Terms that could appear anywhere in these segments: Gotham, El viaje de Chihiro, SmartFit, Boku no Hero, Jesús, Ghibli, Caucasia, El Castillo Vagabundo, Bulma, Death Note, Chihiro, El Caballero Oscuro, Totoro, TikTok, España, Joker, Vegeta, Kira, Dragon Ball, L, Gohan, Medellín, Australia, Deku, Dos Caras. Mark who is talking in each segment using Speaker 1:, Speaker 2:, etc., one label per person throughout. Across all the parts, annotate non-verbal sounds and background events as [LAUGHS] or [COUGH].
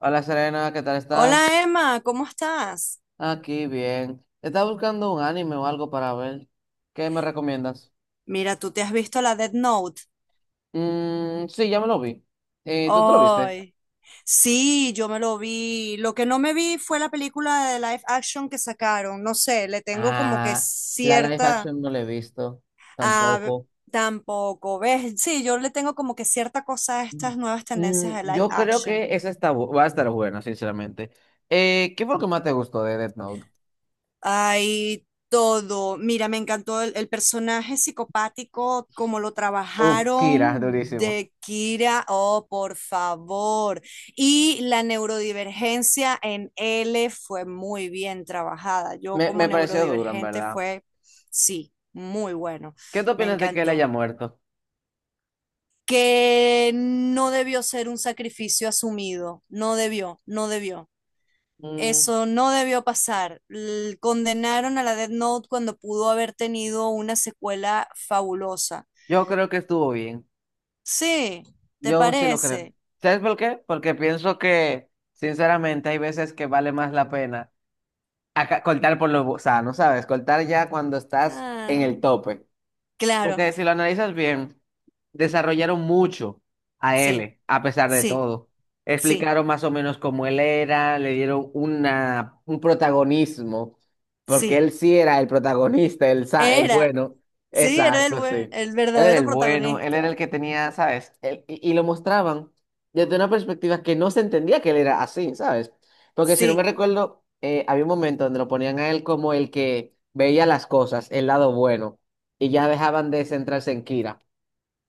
Speaker 1: Hola Serena, ¿qué tal estás?
Speaker 2: Hola Emma, ¿cómo estás?
Speaker 1: Aquí bien. Estaba buscando un anime o algo para ver. ¿Qué me recomiendas?
Speaker 2: Mira, tú te has visto la Death Note.
Speaker 1: Mm, sí, ya me lo vi. ¿Tú te lo viste?
Speaker 2: Ay, sí, yo me lo vi. Lo que no me vi fue la película de live action que sacaron. No sé, le tengo como que
Speaker 1: Ah, la live
Speaker 2: cierta...
Speaker 1: action no la he visto
Speaker 2: Ah,
Speaker 1: tampoco.
Speaker 2: tampoco, ¿ves? Sí, yo le tengo como que cierta cosa a
Speaker 1: Mm,
Speaker 2: estas nuevas
Speaker 1: mm,
Speaker 2: tendencias de live
Speaker 1: yo creo
Speaker 2: action.
Speaker 1: que esa está, va a estar buena, sinceramente. ¿Qué fue lo que más te gustó de Death Note?
Speaker 2: Hay todo. Mira, me encantó el personaje psicopático, como lo
Speaker 1: Uf, Kira,
Speaker 2: trabajaron
Speaker 1: [LAUGHS] durísimo.
Speaker 2: de Kira. Oh, por favor. Y la neurodivergencia en L fue muy bien trabajada. Yo
Speaker 1: Me,
Speaker 2: como
Speaker 1: me pareció duro, en
Speaker 2: neurodivergente
Speaker 1: verdad.
Speaker 2: fue, sí, muy bueno.
Speaker 1: ¿Qué te
Speaker 2: Me
Speaker 1: opinas de que él haya
Speaker 2: encantó.
Speaker 1: muerto?
Speaker 2: Que no debió ser un sacrificio asumido. No debió, no debió.
Speaker 1: Mm,
Speaker 2: Eso no debió pasar. Condenaron a la Death Note cuando pudo haber tenido una secuela fabulosa.
Speaker 1: yo creo que estuvo bien.
Speaker 2: Sí, ¿te
Speaker 1: Yo sí lo creo.
Speaker 2: parece?
Speaker 1: ¿Sabes por qué? Porque pienso que, sinceramente, hay veces que vale más la pena acá cortar por lo sano, ¿sabes? Cortar ya cuando estás en
Speaker 2: Ah,
Speaker 1: el tope.
Speaker 2: claro,
Speaker 1: Porque si lo analizas bien, desarrollaron mucho a
Speaker 2: sí,
Speaker 1: él, a pesar de
Speaker 2: sí,
Speaker 1: todo.
Speaker 2: sí,
Speaker 1: Explicaron más o menos cómo él era, le dieron un protagonismo, porque
Speaker 2: sí.
Speaker 1: él sí era el protagonista, el
Speaker 2: Era,
Speaker 1: bueno.
Speaker 2: sí, era el
Speaker 1: Exacto,
Speaker 2: buen,
Speaker 1: sí.
Speaker 2: el
Speaker 1: Él era
Speaker 2: verdadero
Speaker 1: el bueno, él era el
Speaker 2: protagonista.
Speaker 1: que tenía, ¿sabes? Y, lo mostraban desde una perspectiva que no se entendía que él era así, ¿sabes? Porque si no me
Speaker 2: Sí,
Speaker 1: recuerdo, había un momento donde lo ponían a él como el que veía las cosas, el lado bueno, y ya dejaban de centrarse en Kira.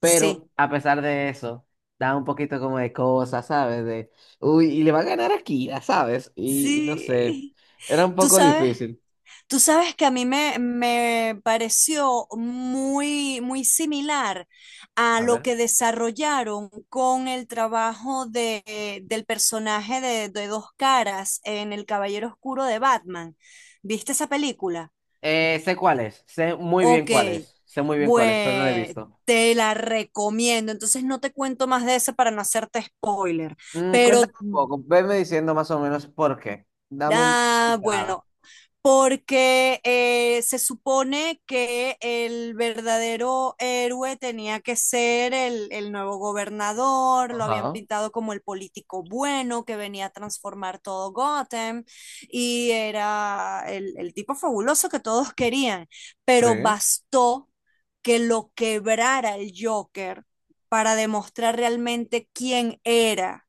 Speaker 2: sí,
Speaker 1: a pesar de eso, da un poquito como de cosas, ¿sabes? De, uy, y le va a ganar a Kira, ¿sabes? Y no sé,
Speaker 2: sí.
Speaker 1: era un
Speaker 2: ¿Tú
Speaker 1: poco
Speaker 2: sabes?
Speaker 1: difícil.
Speaker 2: Tú sabes que a mí me pareció muy similar a
Speaker 1: A
Speaker 2: lo
Speaker 1: ver.
Speaker 2: que desarrollaron con el trabajo del personaje de Dos Caras en El Caballero Oscuro de Batman. ¿Viste esa película?
Speaker 1: Sé cuál es, sé muy bien
Speaker 2: Ok,
Speaker 1: cuál es, sé muy bien cuál es, pero no lo he
Speaker 2: pues
Speaker 1: visto.
Speaker 2: te la recomiendo. Entonces no te cuento más de esa para no hacerte spoiler,
Speaker 1: Mm, cuéntame
Speaker 2: pero...
Speaker 1: un poco, venme diciendo más o menos por qué. Dame un
Speaker 2: Ah,
Speaker 1: pincelada.
Speaker 2: bueno, porque se supone que el verdadero héroe tenía que ser el nuevo gobernador, lo habían
Speaker 1: Ajá.
Speaker 2: pintado como el político bueno que venía a transformar todo Gotham y era el tipo fabuloso que todos querían,
Speaker 1: Sí.
Speaker 2: pero bastó que lo quebrara el Joker para demostrar realmente quién era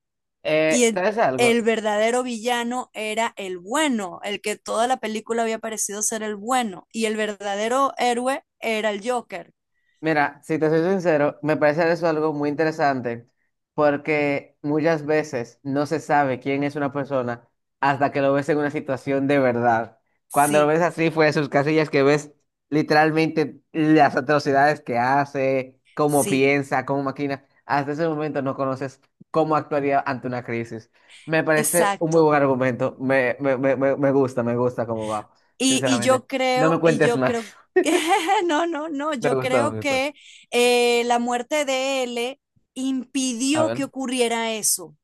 Speaker 2: y
Speaker 1: ¿Sabes algo?
Speaker 2: el verdadero villano era el bueno, el que toda la película había parecido ser el bueno, y el verdadero héroe era el Joker.
Speaker 1: Mira, si te soy sincero, me parece eso algo muy interesante, porque muchas veces no se sabe quién es una persona hasta que lo ves en una situación de verdad. Cuando lo
Speaker 2: Sí,
Speaker 1: ves así fuera de sus casillas, que ves literalmente las atrocidades que hace, cómo
Speaker 2: sí,
Speaker 1: piensa, cómo maquina, hasta ese momento no conoces cómo actuaría ante una crisis. Me parece un muy
Speaker 2: exacto.
Speaker 1: buen argumento, me gusta, me gusta cómo va,
Speaker 2: Y, y
Speaker 1: sinceramente.
Speaker 2: yo
Speaker 1: No me
Speaker 2: creo, y
Speaker 1: cuentes
Speaker 2: yo
Speaker 1: más,
Speaker 2: creo que, [LAUGHS] no, no, no,
Speaker 1: [LAUGHS] me
Speaker 2: yo
Speaker 1: gustó,
Speaker 2: creo
Speaker 1: me gustó.
Speaker 2: que la muerte de L
Speaker 1: A
Speaker 2: impidió
Speaker 1: ver.
Speaker 2: que ocurriera eso.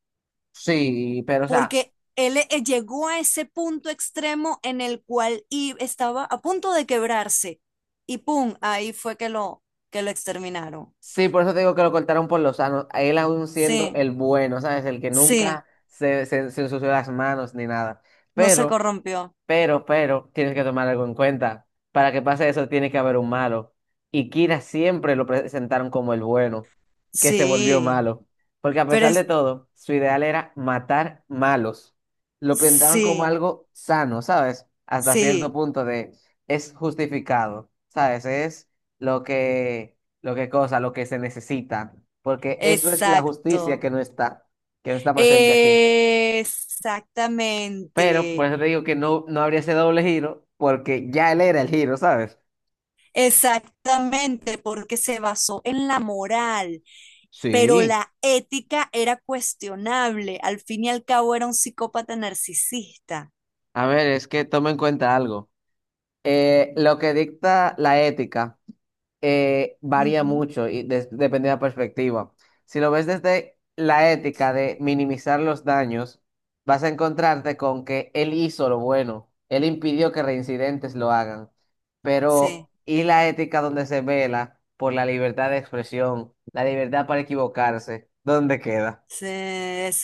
Speaker 1: Sí, pero o sea,
Speaker 2: Porque él llegó a ese punto extremo en el cual y estaba a punto de quebrarse y pum, ahí fue que lo exterminaron.
Speaker 1: sí, por eso te digo que lo cortaron por los sanos, él aún siendo
Speaker 2: Sí,
Speaker 1: el bueno, ¿sabes? El que
Speaker 2: sí,
Speaker 1: nunca se ensució las manos ni nada.
Speaker 2: no se
Speaker 1: Pero
Speaker 2: corrompió.
Speaker 1: Pero, tienes que tomar algo en cuenta. Para que pase eso, tiene que haber un malo. Y Kira siempre lo presentaron como el bueno, que se volvió
Speaker 2: Sí,
Speaker 1: malo. Porque a
Speaker 2: pero
Speaker 1: pesar de
Speaker 2: es,
Speaker 1: todo, su ideal era matar malos. Lo pintaban como
Speaker 2: sí,
Speaker 1: algo sano, ¿sabes? Hasta cierto
Speaker 2: sí,
Speaker 1: punto de es justificado, ¿sabes? Es lo que, lo que se necesita. Porque eso es la justicia
Speaker 2: exacto.
Speaker 1: que no está presente aquí. Pero por
Speaker 2: Exactamente.
Speaker 1: eso te digo que no, no habría ese doble giro, porque ya él era el giro, ¿sabes?
Speaker 2: Exactamente, porque se basó en la moral, pero
Speaker 1: Sí,
Speaker 2: la ética era cuestionable. Al fin y al cabo era un psicópata narcisista.
Speaker 1: a ver, es que toma en cuenta algo. Lo que dicta la ética. Varía
Speaker 2: Ujú,
Speaker 1: mucho y depende de la perspectiva. Si lo ves desde la ética de minimizar los daños, vas a encontrarte con que él hizo lo bueno, él impidió que reincidentes lo hagan, pero
Speaker 2: sí,
Speaker 1: y la ética donde se vela por la libertad de expresión, la libertad para equivocarse, ¿dónde queda?
Speaker 2: sí,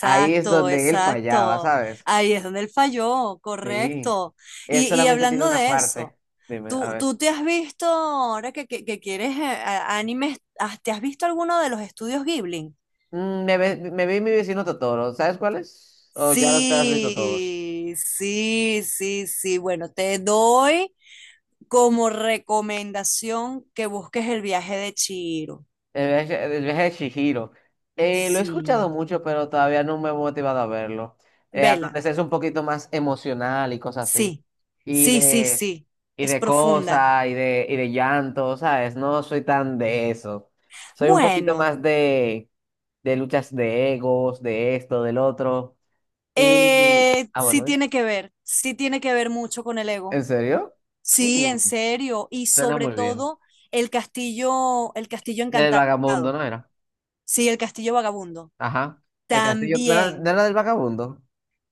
Speaker 1: Ahí es donde él fallaba,
Speaker 2: exacto.
Speaker 1: ¿sabes?
Speaker 2: Ahí es donde él falló,
Speaker 1: Sí,
Speaker 2: correcto.
Speaker 1: él
Speaker 2: Y
Speaker 1: solamente tiene
Speaker 2: hablando
Speaker 1: una
Speaker 2: de eso,
Speaker 1: parte. Dime, a
Speaker 2: ¿tú,
Speaker 1: ver.
Speaker 2: tú te has visto, ahora que quieres animes, ¿te has visto alguno de los estudios Ghibli?
Speaker 1: Mm, me vi mi vecino Totoro. ¿Sabes cuáles o ya los te has visto todos?
Speaker 2: Sí, sí, sí, sí. Bueno, te doy como recomendación que busques el viaje de Chihiro.
Speaker 1: El viaje de Chihiro. Lo he escuchado
Speaker 2: Sí.
Speaker 1: mucho, pero todavía no me he motivado a verlo. Hasta
Speaker 2: Vela,
Speaker 1: donde sé es un poquito más emocional y cosas así.
Speaker 2: sí,
Speaker 1: Y
Speaker 2: sí, sí,
Speaker 1: de,
Speaker 2: sí.
Speaker 1: y
Speaker 2: Es
Speaker 1: de
Speaker 2: profunda.
Speaker 1: cosas, y de llanto, ¿sabes? No soy tan de eso. Soy un poquito
Speaker 2: Bueno,
Speaker 1: más de luchas de egos, de esto, del otro. Y. Ah,
Speaker 2: sí
Speaker 1: bueno, ¿eh?
Speaker 2: tiene que ver, sí tiene que ver mucho con el
Speaker 1: ¿En
Speaker 2: ego.
Speaker 1: serio?
Speaker 2: Sí, en
Speaker 1: Mm,
Speaker 2: serio. Y
Speaker 1: suena
Speaker 2: sobre
Speaker 1: muy bien.
Speaker 2: todo el castillo
Speaker 1: Del
Speaker 2: encantado.
Speaker 1: vagabundo, ¿no era?
Speaker 2: Sí, el castillo vagabundo.
Speaker 1: Ajá. El castillo, ¿no era, no
Speaker 2: También.
Speaker 1: era del vagabundo?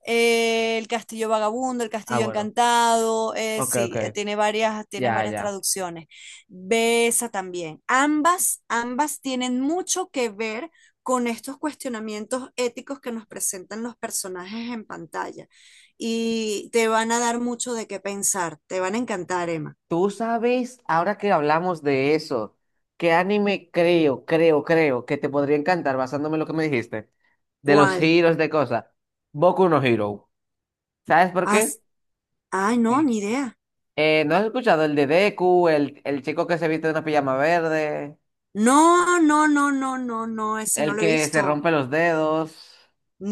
Speaker 2: El Castillo Vagabundo, El
Speaker 1: Ah,
Speaker 2: Castillo
Speaker 1: bueno.
Speaker 2: Encantado,
Speaker 1: Ok, ok.
Speaker 2: sí, tiene varias, tienes
Speaker 1: Ya,
Speaker 2: varias
Speaker 1: ya.
Speaker 2: traducciones. Ve esa también. Ambas, ambas tienen mucho que ver con estos cuestionamientos éticos que nos presentan los personajes en pantalla y te van a dar mucho de qué pensar. Te van a encantar, Emma.
Speaker 1: Tú sabes, ahora que hablamos de eso, ¿qué anime creo que te podría encantar basándome en lo que me dijiste? De los
Speaker 2: ¿Cuál?
Speaker 1: giros de cosas. Boku no Hero. ¿Sabes por qué?
Speaker 2: Haz- Ay, no,
Speaker 1: Sí.
Speaker 2: ni idea.
Speaker 1: ¿No has escuchado el de Deku, el chico que se viste de una pijama verde,
Speaker 2: No, no, no, no, no, no, ese no
Speaker 1: el
Speaker 2: lo he
Speaker 1: que se
Speaker 2: visto.
Speaker 1: rompe los dedos?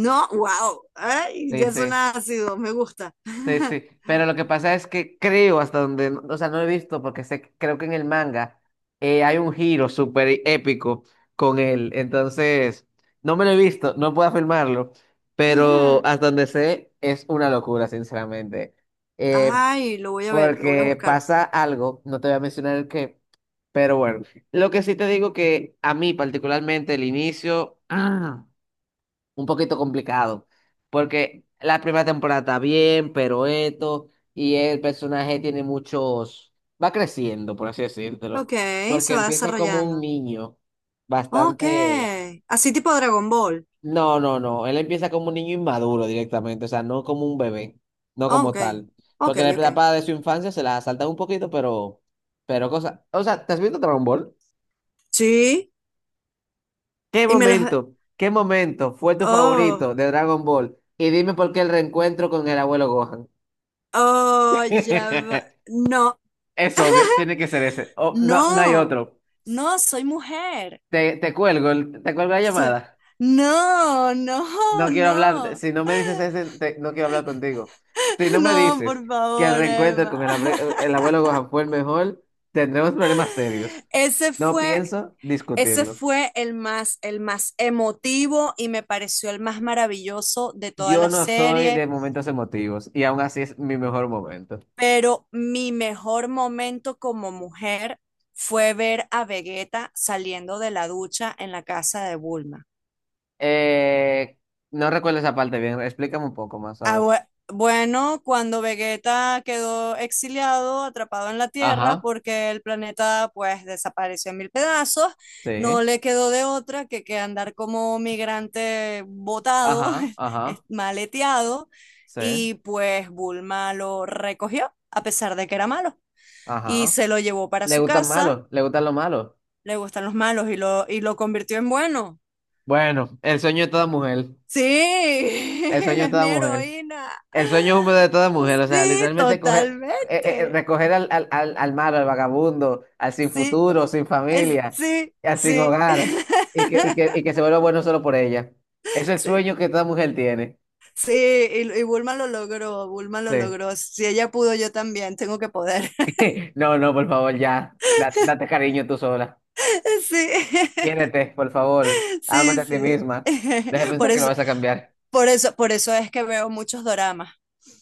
Speaker 2: No, wow. Ay,
Speaker 1: Sí,
Speaker 2: ya
Speaker 1: sí.
Speaker 2: suena ácido, me gusta.
Speaker 1: Sí,
Speaker 2: [LAUGHS]
Speaker 1: sí, pero lo que pasa es que creo hasta donde, o sea, no he visto porque sé, creo que en el manga hay un giro súper épico con él, entonces no me lo he visto, no puedo afirmarlo, pero
Speaker 2: Ajá.
Speaker 1: hasta donde sé es una locura, sinceramente, eh,
Speaker 2: Ay, lo voy a ver, lo voy a
Speaker 1: porque
Speaker 2: buscar.
Speaker 1: pasa algo, no te voy a mencionar el qué, pero bueno, lo que sí te digo que a mí particularmente el inicio, [CLEARS THROAT] un poquito complicado, porque la primera temporada está bien, pero esto, y el personaje tiene muchos, va creciendo, por así decírtelo,
Speaker 2: Ok,
Speaker 1: porque
Speaker 2: se va
Speaker 1: empieza como un
Speaker 2: desarrollando.
Speaker 1: niño,
Speaker 2: Ok,
Speaker 1: bastante,
Speaker 2: así tipo Dragon Ball.
Speaker 1: no, él empieza como un niño inmaduro directamente, o sea, no como un bebé, no como
Speaker 2: Ok,
Speaker 1: tal,
Speaker 2: ok,
Speaker 1: porque la
Speaker 2: ok.
Speaker 1: etapa de su infancia se la salta un poquito, pero cosa, o sea, ¿te has visto Dragon Ball?
Speaker 2: Sí, y me las...
Speaker 1: Qué momento fue tu
Speaker 2: Oh,
Speaker 1: favorito de Dragon Ball? Y dime por qué el reencuentro con el abuelo Gohan.
Speaker 2: oh, ya va.
Speaker 1: [LAUGHS]
Speaker 2: No,
Speaker 1: Es obvio, tiene que ser ese. Oh, no, no hay
Speaker 2: no,
Speaker 1: otro.
Speaker 2: no, soy mujer.
Speaker 1: Te cuelgo, te cuelgo la
Speaker 2: So-
Speaker 1: llamada.
Speaker 2: No, no,
Speaker 1: No quiero hablar,
Speaker 2: no.
Speaker 1: si no me dices ese, no quiero hablar contigo. Si
Speaker 2: [LAUGHS]
Speaker 1: no me
Speaker 2: No, por
Speaker 1: dices que el
Speaker 2: favor,
Speaker 1: reencuentro con
Speaker 2: Emma. [LAUGHS]
Speaker 1: el abuelo Gohan fue el mejor, tendremos problemas serios.
Speaker 2: Ese
Speaker 1: No
Speaker 2: fue
Speaker 1: pienso
Speaker 2: Ese
Speaker 1: discutirlo.
Speaker 2: fue el más emotivo y me pareció el más maravilloso de toda
Speaker 1: Yo
Speaker 2: la
Speaker 1: no soy
Speaker 2: serie,
Speaker 1: de momentos emotivos y aún así es mi mejor momento.
Speaker 2: pero mi mejor momento como mujer fue ver a Vegeta saliendo de la ducha en la casa de Bulma.
Speaker 1: Eh, no recuerdo esa parte bien. Explícame un poco más, a
Speaker 2: Ah,
Speaker 1: ver.
Speaker 2: bueno, cuando Vegeta quedó exiliado, atrapado en la Tierra,
Speaker 1: Ajá,
Speaker 2: porque el planeta pues desapareció en mil pedazos, no
Speaker 1: sí,
Speaker 2: le quedó de otra que andar como migrante botado,
Speaker 1: ajá,
Speaker 2: [LAUGHS]
Speaker 1: ajá,
Speaker 2: maleteado,
Speaker 1: sí,
Speaker 2: y pues Bulma lo recogió, a pesar de que era malo, y
Speaker 1: ajá.
Speaker 2: se lo llevó para
Speaker 1: ¿Le
Speaker 2: su
Speaker 1: gustan
Speaker 2: casa,
Speaker 1: malos? ¿Le gustan los malos?
Speaker 2: le gustan los malos, y lo convirtió en bueno.
Speaker 1: Bueno, el sueño de toda mujer.
Speaker 2: Sí, [LAUGHS]
Speaker 1: El sueño de
Speaker 2: es mi
Speaker 1: toda mujer.
Speaker 2: heroína.
Speaker 1: El sueño húmedo de toda mujer. O sea,
Speaker 2: Sí,
Speaker 1: literalmente coger,
Speaker 2: totalmente.
Speaker 1: recoger al, al malo, al vagabundo, al sin
Speaker 2: Sí,
Speaker 1: futuro, sin
Speaker 2: es,
Speaker 1: familia,
Speaker 2: sí,
Speaker 1: al sin
Speaker 2: sí,
Speaker 1: hogar, y
Speaker 2: [LAUGHS]
Speaker 1: que, y que, y que se vuelva bueno solo por ella. Es el
Speaker 2: sí,
Speaker 1: sueño que toda mujer tiene.
Speaker 2: sí. Y Bulma lo logró, Bulma lo
Speaker 1: Sí.
Speaker 2: logró. Si ella pudo, yo también tengo que poder.
Speaker 1: [LAUGHS] No, no, por favor, ya. Date cariño tú sola.
Speaker 2: [LAUGHS] Sí,
Speaker 1: Quiérete, por favor.
Speaker 2: [LAUGHS]
Speaker 1: Ámate
Speaker 2: sí,
Speaker 1: a ti
Speaker 2: sí.
Speaker 1: misma. Deja de
Speaker 2: [LAUGHS] Por
Speaker 1: pensar que lo
Speaker 2: eso,
Speaker 1: vas a cambiar.
Speaker 2: por eso, por eso es que veo muchos doramas.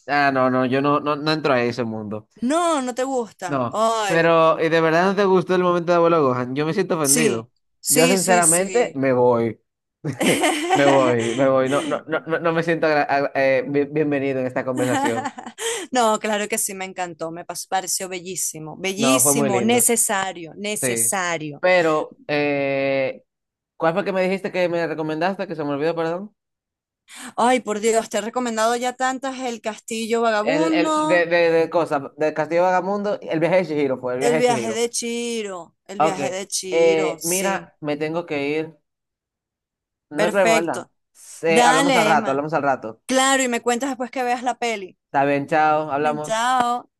Speaker 1: Ah, no, no, yo no, no, no entro a ese mundo.
Speaker 2: No, no te gustan.
Speaker 1: No.
Speaker 2: Ay,
Speaker 1: Pero, ¿y de verdad no te gustó el momento de abuelo Gohan? Yo me siento
Speaker 2: sí,
Speaker 1: ofendido. Yo,
Speaker 2: sí, sí,
Speaker 1: sinceramente,
Speaker 2: sí.
Speaker 1: me voy. [LAUGHS] Me voy, me voy. No, no, no, no,
Speaker 2: [LAUGHS]
Speaker 1: no me siento bienvenido en esta conversación.
Speaker 2: [LAUGHS] No, claro que sí, me encantó, pareció bellísimo,
Speaker 1: No, fue muy
Speaker 2: bellísimo,
Speaker 1: lindo.
Speaker 2: necesario,
Speaker 1: Sí.
Speaker 2: necesario.
Speaker 1: Pero, ¿cuál fue que me dijiste que me recomendaste? Que se me olvidó, perdón.
Speaker 2: Ay, por Dios, te he recomendado ya tantas, El Castillo
Speaker 1: El,
Speaker 2: Vagabundo,
Speaker 1: de cosas, de Castillo Vagamundo, el viaje de Chihiro fue, el viaje
Speaker 2: El
Speaker 1: de
Speaker 2: viaje
Speaker 1: Chihiro.
Speaker 2: de Chiro, El
Speaker 1: Ok,
Speaker 2: viaje de Chiro, sí,
Speaker 1: mira, me tengo que ir. No hay problema, ¿verdad?
Speaker 2: perfecto.
Speaker 1: Hablamos al
Speaker 2: Dale,
Speaker 1: rato,
Speaker 2: Emma.
Speaker 1: hablamos al rato.
Speaker 2: Claro, y me cuentas después que veas la peli.
Speaker 1: Está bien, chao,
Speaker 2: [LAUGHS]
Speaker 1: hablamos.
Speaker 2: Chao.